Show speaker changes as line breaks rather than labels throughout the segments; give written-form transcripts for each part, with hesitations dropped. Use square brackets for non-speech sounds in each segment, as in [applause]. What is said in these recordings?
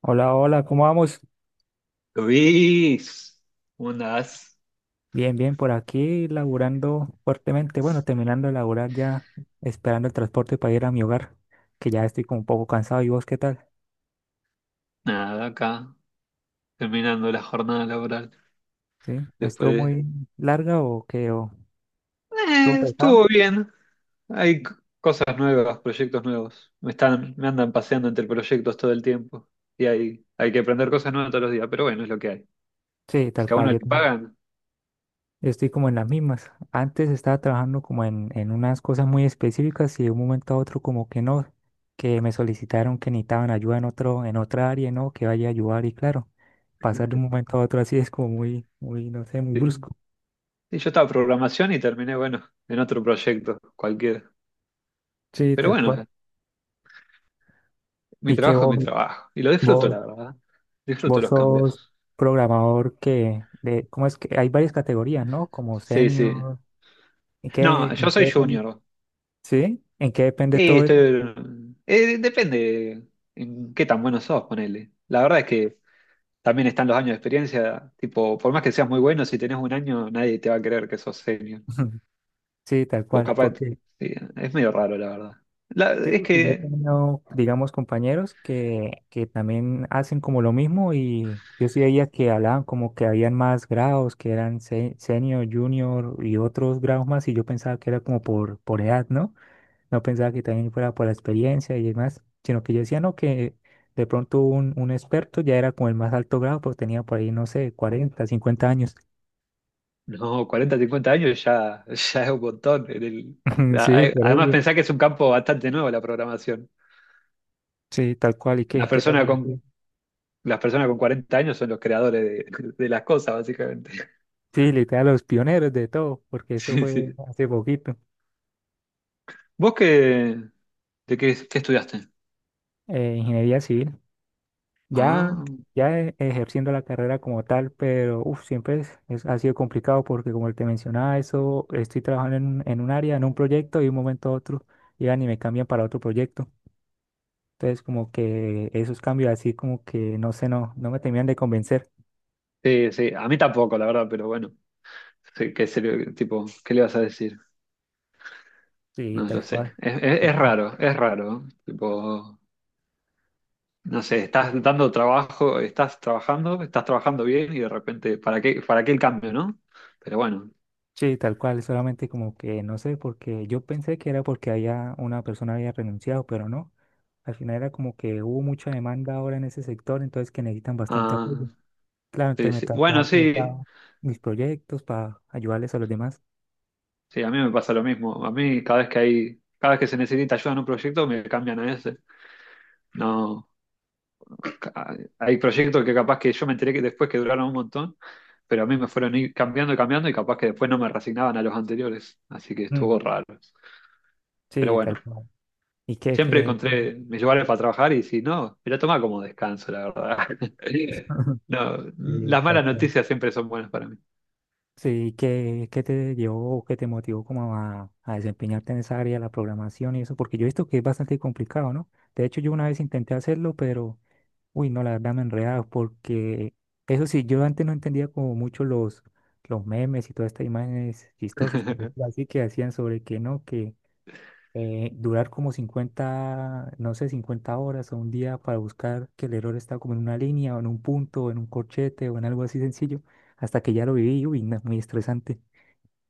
Hola, hola, ¿cómo vamos?
Luis, ¿cómo andás?
Bien, bien, por aquí laburando fuertemente. Bueno, terminando de laburar ya, esperando el transporte para ir a mi hogar, que ya estoy como un poco cansado. ¿Y vos qué tal?
Nada, acá, terminando la jornada laboral.
¿Sí? ¿Estuvo
Después,
muy larga o qué? ¿O estuvo pesado?
estuvo bien. Hay cosas nuevas, proyectos nuevos. Me andan paseando entre proyectos todo el tiempo. Y hay que aprender cosas nuevas todos los días, pero bueno, es lo que hay.
Sí, tal
Si a
cual,
uno
yo
le
también.
pagan,
Yo estoy como en las mismas. Antes estaba trabajando como en unas cosas muy específicas y de un momento a otro como que no, que me solicitaron que necesitaban ayuda en otro, en otra área, ¿no? Que vaya a ayudar y claro, pasar de un momento a otro así es como muy, muy, no sé, muy
sí.
brusco.
Sí, yo estaba en programación y terminé, bueno, en otro proyecto, cualquiera.
Sí,
Pero
tal
bueno,
cual.
mi
Y que
trabajo es mi trabajo. Y lo disfruto,
vos,
la verdad. Disfruto
vos
los
sos
cambios.
programador que de, ¿cómo es que? Hay varias categorías, ¿no? Como
Sí, sí.
senior. ¿En qué,
No, yo
en qué
soy
depende?
junior.
¿Sí? ¿En qué depende
Sí,
todo eso?
depende en qué tan bueno sos, ponele. La verdad es que también están los años de experiencia, tipo, por más que seas muy bueno, si tenés un año, nadie te va a creer que sos senior.
[laughs] Sí, tal
Vos
cual.
capaz,
Porque,
sí, es medio raro, la verdad.
sí,
Es
porque yo he
que,
tenido, digamos, compañeros que también hacen como lo mismo y yo sí veía que hablaban como que habían más grados, que eran senior, junior y otros grados más y yo pensaba que era como por edad, ¿no? No pensaba que también fuera por la experiencia y demás, sino que yo decía, no, que de pronto un experto ya era como el más alto grado, pues tenía por ahí, no sé, 40 50 años.
no, 40-50 años ya, [laughs] ya es un montón.
[laughs] Sí, por
Además,
eso.
pensá que es un campo bastante nuevo la programación.
Sí, tal cual. ¿Y qué,
Las
qué te
personas con,
pareció?
las personas con 40 años son los creadores de las cosas, básicamente. [laughs]
Sí, literal, los pioneros de todo, porque eso
Sí,
fue
sí.
hace poquito.
¿Vos qué, de qué estudiaste?
Ingeniería civil, ya,
Ah,
ejerciendo la carrera como tal, pero uf, siempre ha sido complicado porque como te mencionaba, eso, estoy trabajando en, en un área, en un proyecto y de un momento a otro llegan y me cambian para otro proyecto. Entonces, como que esos cambios así, como que no sé, no, no me terminan de convencer.
sí, sí, a mí tampoco, la verdad, pero bueno, sí, qué serio, tipo, ¿qué le vas a decir?
Sí,
No
tal
lo sé,
cual.
es raro, es raro, ¿no? Tipo, no sé, estás dando trabajo, estás trabajando bien y de repente, ¿para qué el cambio, no? Pero bueno,
Sí, tal cual, solamente como que no sé, porque yo pensé que era porque había una persona había renunciado, pero no. Al final era como que hubo mucha demanda ahora en ese sector, entonces que necesitan bastante
ah,
apoyo. Claro,
sí,
entonces me
sí.
toca
Bueno,
dejar
sí,
mis proyectos para ayudarles a los demás.
sí, a mí me pasa lo mismo, a mí cada vez que se necesita ayuda en un proyecto me cambian a ese. No. Hay proyectos que capaz que yo me enteré que después que duraron un montón, pero a mí me fueron ir cambiando y cambiando y capaz que después no me resignaban a los anteriores, así que
Mm,
estuvo raro. Pero
sí,
bueno,
tal cual. ¿Y
siempre
qué?
encontré mis lugares para trabajar y si no, me lo tomaba como descanso, la verdad. [laughs]
[laughs]
No,
Sí,
las
tal
malas
cual.
noticias siempre son buenas para mí.
Sí, ¿qué, qué te llevó o qué te motivó como a desempeñarte en esa área de la programación y eso? Porque yo he visto que es bastante complicado, ¿no? De hecho, yo una vez intenté hacerlo, pero, uy, no, la verdad me enredaba porque, eso sí, yo antes no entendía como mucho los memes y todas estas imágenes chistosas, por
[laughs]
decirlo así, que hacían sobre que no, que durar como 50 no sé, 50 horas o un día para buscar que el error está como en una línea o en un punto o en un corchete o en algo así sencillo, hasta que ya lo viví, uy, no, es muy estresante.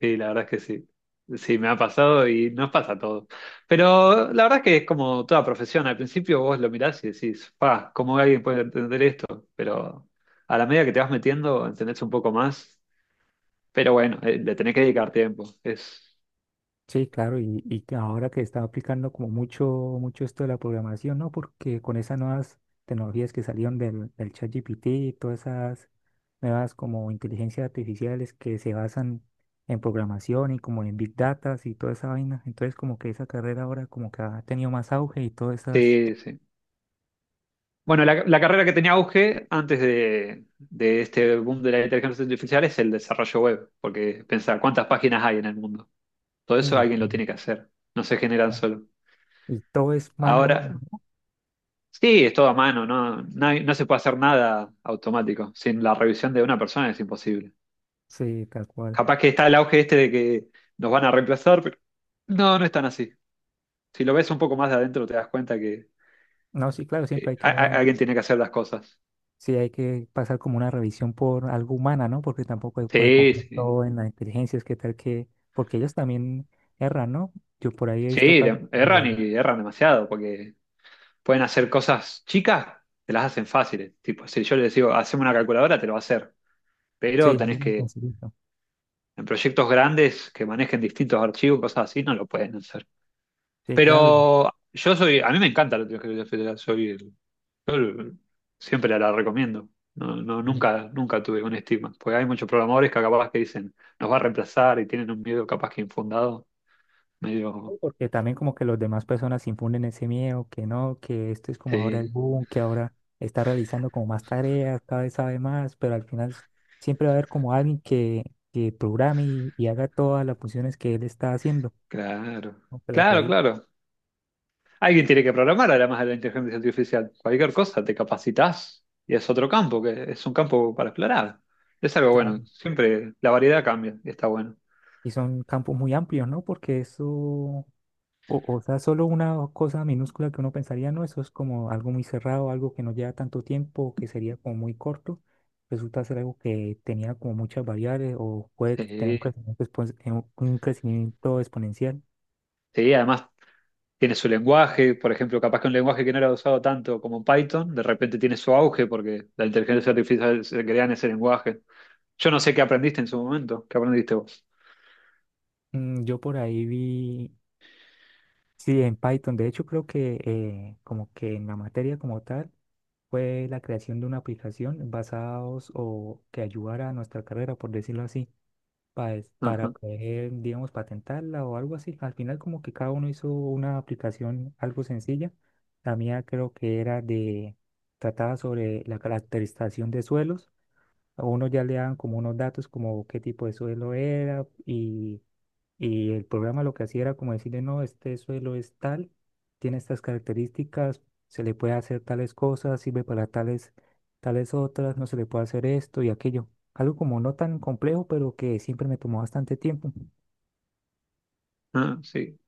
Sí, la verdad es que sí. Sí, me ha pasado y nos pasa todo. Pero la verdad es que es como toda profesión. Al principio vos lo mirás y decís, pa, ¿cómo alguien puede entender esto? Pero a la medida que te vas metiendo, entendés un poco más. Pero bueno, le tenés que dedicar tiempo.
Sí, claro, y que ahora que está aplicando como mucho, mucho esto de la programación, ¿no? Porque con esas nuevas tecnologías que salieron del ChatGPT y todas esas nuevas como inteligencias artificiales que se basan en programación y como en Big Data y toda esa vaina, entonces como que esa carrera ahora como que ha tenido más auge y todas esas...
Sí, sí. Bueno, la carrera que tenía auge antes de este boom de la inteligencia artificial es el desarrollo web. Porque pensar cuántas páginas hay en el mundo. Todo eso
Uy,
alguien lo
no.
tiene que hacer. No se generan solo.
Y todo es mano a mano.
Ahora.
¿No?
Sí, es todo a mano, no, no se puede hacer nada automático. Sin la revisión de una persona es imposible.
Sí, tal cual.
Capaz que está el auge este de que nos van a reemplazar, pero no, no es tan así. Si lo ves un poco más de adentro, te das cuenta que,
No, sí, claro, siempre
que
hay
a-
que
a- alguien tiene que hacer las cosas.
sí, hay que pasar como una revisión por algo humana, ¿no? Porque tampoco se puede
Sí,
confiar
sí.
todo en las inteligencias, qué tal que, porque ellos también erran, ¿no? Yo por ahí he visto
Sí,
casos
erran
que,
y erran demasiado, porque pueden hacer cosas chicas, te las hacen fáciles. Tipo, si yo les digo, haceme una calculadora, te lo va a hacer.
sí,
Pero
algo
tenés
muy
que,
sencillito.
en proyectos grandes que manejen distintos archivos, cosas así, no lo pueden hacer.
Sí, claro.
Pero yo soy, a mí me encanta la teología federal, soy el- yo el- siempre la recomiendo. No, no,
Y-
nunca tuve un estigma, porque hay muchos programadores que capaz que dicen nos va a reemplazar y tienen un miedo capaz que infundado,
sí,
medio,
porque también como que las demás personas infunden ese miedo, que no, que esto es como ahora el
sí,
boom, que ahora está realizando como más tareas, cada vez sabe más, pero al final siempre va a haber como alguien que programe y haga todas las funciones que él está haciendo,
claro,
aunque la
claro,
revise.
claro. Alguien tiene que programar además de la inteligencia artificial. Cualquier cosa te capacitas y es otro campo, que es un campo para explorar. Es algo bueno, siempre la variedad cambia y está bueno.
Y son campos muy amplios, ¿no? Porque eso, o sea, solo una cosa minúscula que uno pensaría, no, eso es como algo muy cerrado, algo que no lleva tanto tiempo, que sería como muy corto, resulta ser algo que tenía como muchas variables o puede que tener un
Sí,
crecimiento, un crecimiento exponencial.
sí, además tiene su lenguaje, por ejemplo, capaz que un lenguaje que no era usado tanto como Python, de repente tiene su auge porque la inteligencia artificial se crea en ese lenguaje. Yo no sé qué aprendiste en su momento, qué aprendiste vos.
Mm, yo por ahí vi, sí, en Python, de hecho creo que como que en la materia como tal fue la creación de una aplicación basados o que ayudara a nuestra carrera, por decirlo así. pa- para
Ajá,
poder, digamos, patentarla o algo así. Al final como que cada uno hizo una aplicación algo sencilla. La mía creo que era de, trataba sobre la caracterización de suelos. A uno ya le daban como unos datos como qué tipo de suelo era y el programa lo que hacía era como decirle, no, este suelo es tal, tiene estas características, se le puede hacer tales cosas, sirve para tales, tales otras, no se le puede hacer esto y aquello. Algo como no tan complejo, pero que siempre me tomó bastante tiempo
ah, sí.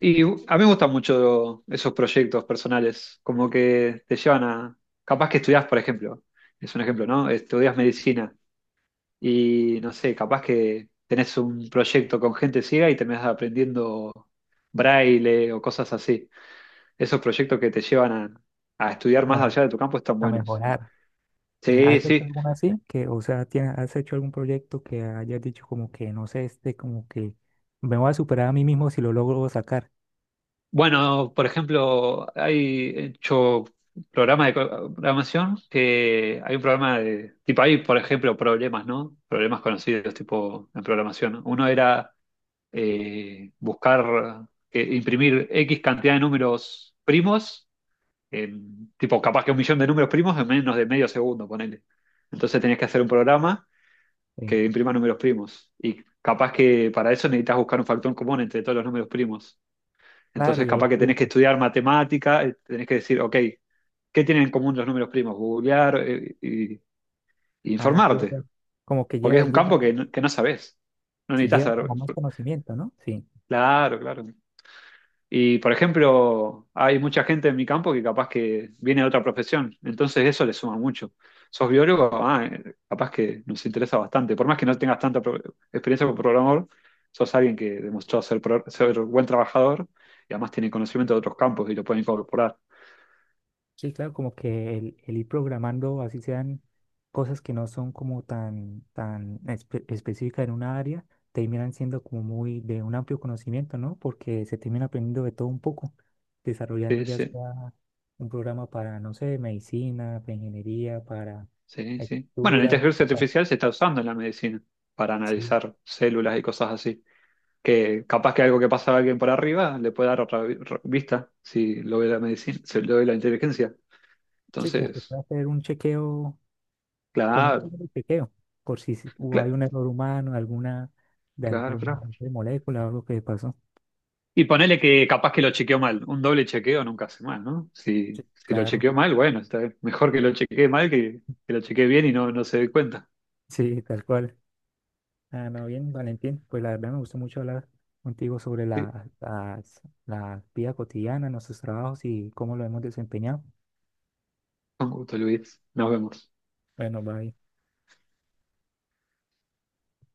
Y a mí me gustan mucho esos proyectos personales, como que te llevan a, capaz que estudias, por ejemplo, es un ejemplo, ¿no? Estudias medicina y no sé, capaz que tenés un proyecto con gente ciega y terminás aprendiendo braille o cosas así. Esos proyectos que te llevan a estudiar más
como
allá de tu campo están
a
buenos.
mejorar.
Sí,
¿Has hecho
sí.
alguna así? Que, o sea, ¿has hecho algún proyecto que hayas dicho como que, no sé, este, como que me voy a superar a mí mismo si lo logro sacar?
Bueno, por ejemplo, hay hecho programas de programación que hay un programa de tipo hay, por ejemplo, problemas, ¿no? Problemas conocidos tipo en programación. Uno era buscar imprimir X cantidad de números primos, tipo capaz que un millón de números primos en menos de medio segundo, ponele. Entonces tenías que hacer un programa
Sí.
que imprima números primos. Y capaz que para eso necesitas buscar un factor común entre todos los números primos.
Claro,
Entonces,
y ahí
capaz que
sí,
tenés que
sí.
estudiar matemática, tenés que decir, ok, ¿qué tienen en común los números primos? Googlear y
Ah, sí,
informarte,
sí. Como que
porque es un campo
lleva
que no sabés. No
sí
necesitas
lleva
saber.
como más conocimiento, ¿no? Sí,
Claro, claro. Y, por ejemplo, hay mucha gente en mi campo que capaz que viene de otra profesión, entonces eso le suma mucho. ¿Sos biólogo? Ah, capaz que nos interesa bastante. Por más que no tengas tanta experiencia como programador, sos alguien que demostró ser, ser buen trabajador y además tiene conocimiento de otros campos y lo pueden incorporar.
sí, claro, como que el ir programando, así sean cosas que no son como tan, tan específicas en una área, terminan siendo como muy de un amplio conocimiento, ¿no? Porque se termina aprendiendo de todo un poco, desarrollando
Sí,
ya
sí,
sea un programa para, no sé, medicina, para ingeniería, para
sí, sí. Bueno, la
lectura.
inteligencia artificial se está usando en la medicina para
Sí,
analizar células y cosas así. Que capaz que algo que pasa a alguien por arriba le puede dar otra vista si lo ve la medicina, si lo ve la inteligencia.
sí, como que
Entonces,
puede hacer un chequeo como un
claro,
pequeño chequeo, por si hay
claro,
un error humano, alguna, de
claro,
alguna
claro.
no sé, molécula o algo que pasó.
Y ponele que capaz que lo chequeó mal. Un doble chequeo nunca hace mal, ¿no?
Sí,
Si lo
claro,
chequeó mal, bueno, está bien. Mejor que lo chequee mal que lo chequee bien y no se dé cuenta.
sí, tal cual. Ah, no, bien, Valentín, pues la verdad me gustó mucho hablar contigo sobre
Sí,
la vida cotidiana, nuestros trabajos y cómo lo hemos desempeñado.
con gusto, Luis. Nos vemos.
Bueno, bye.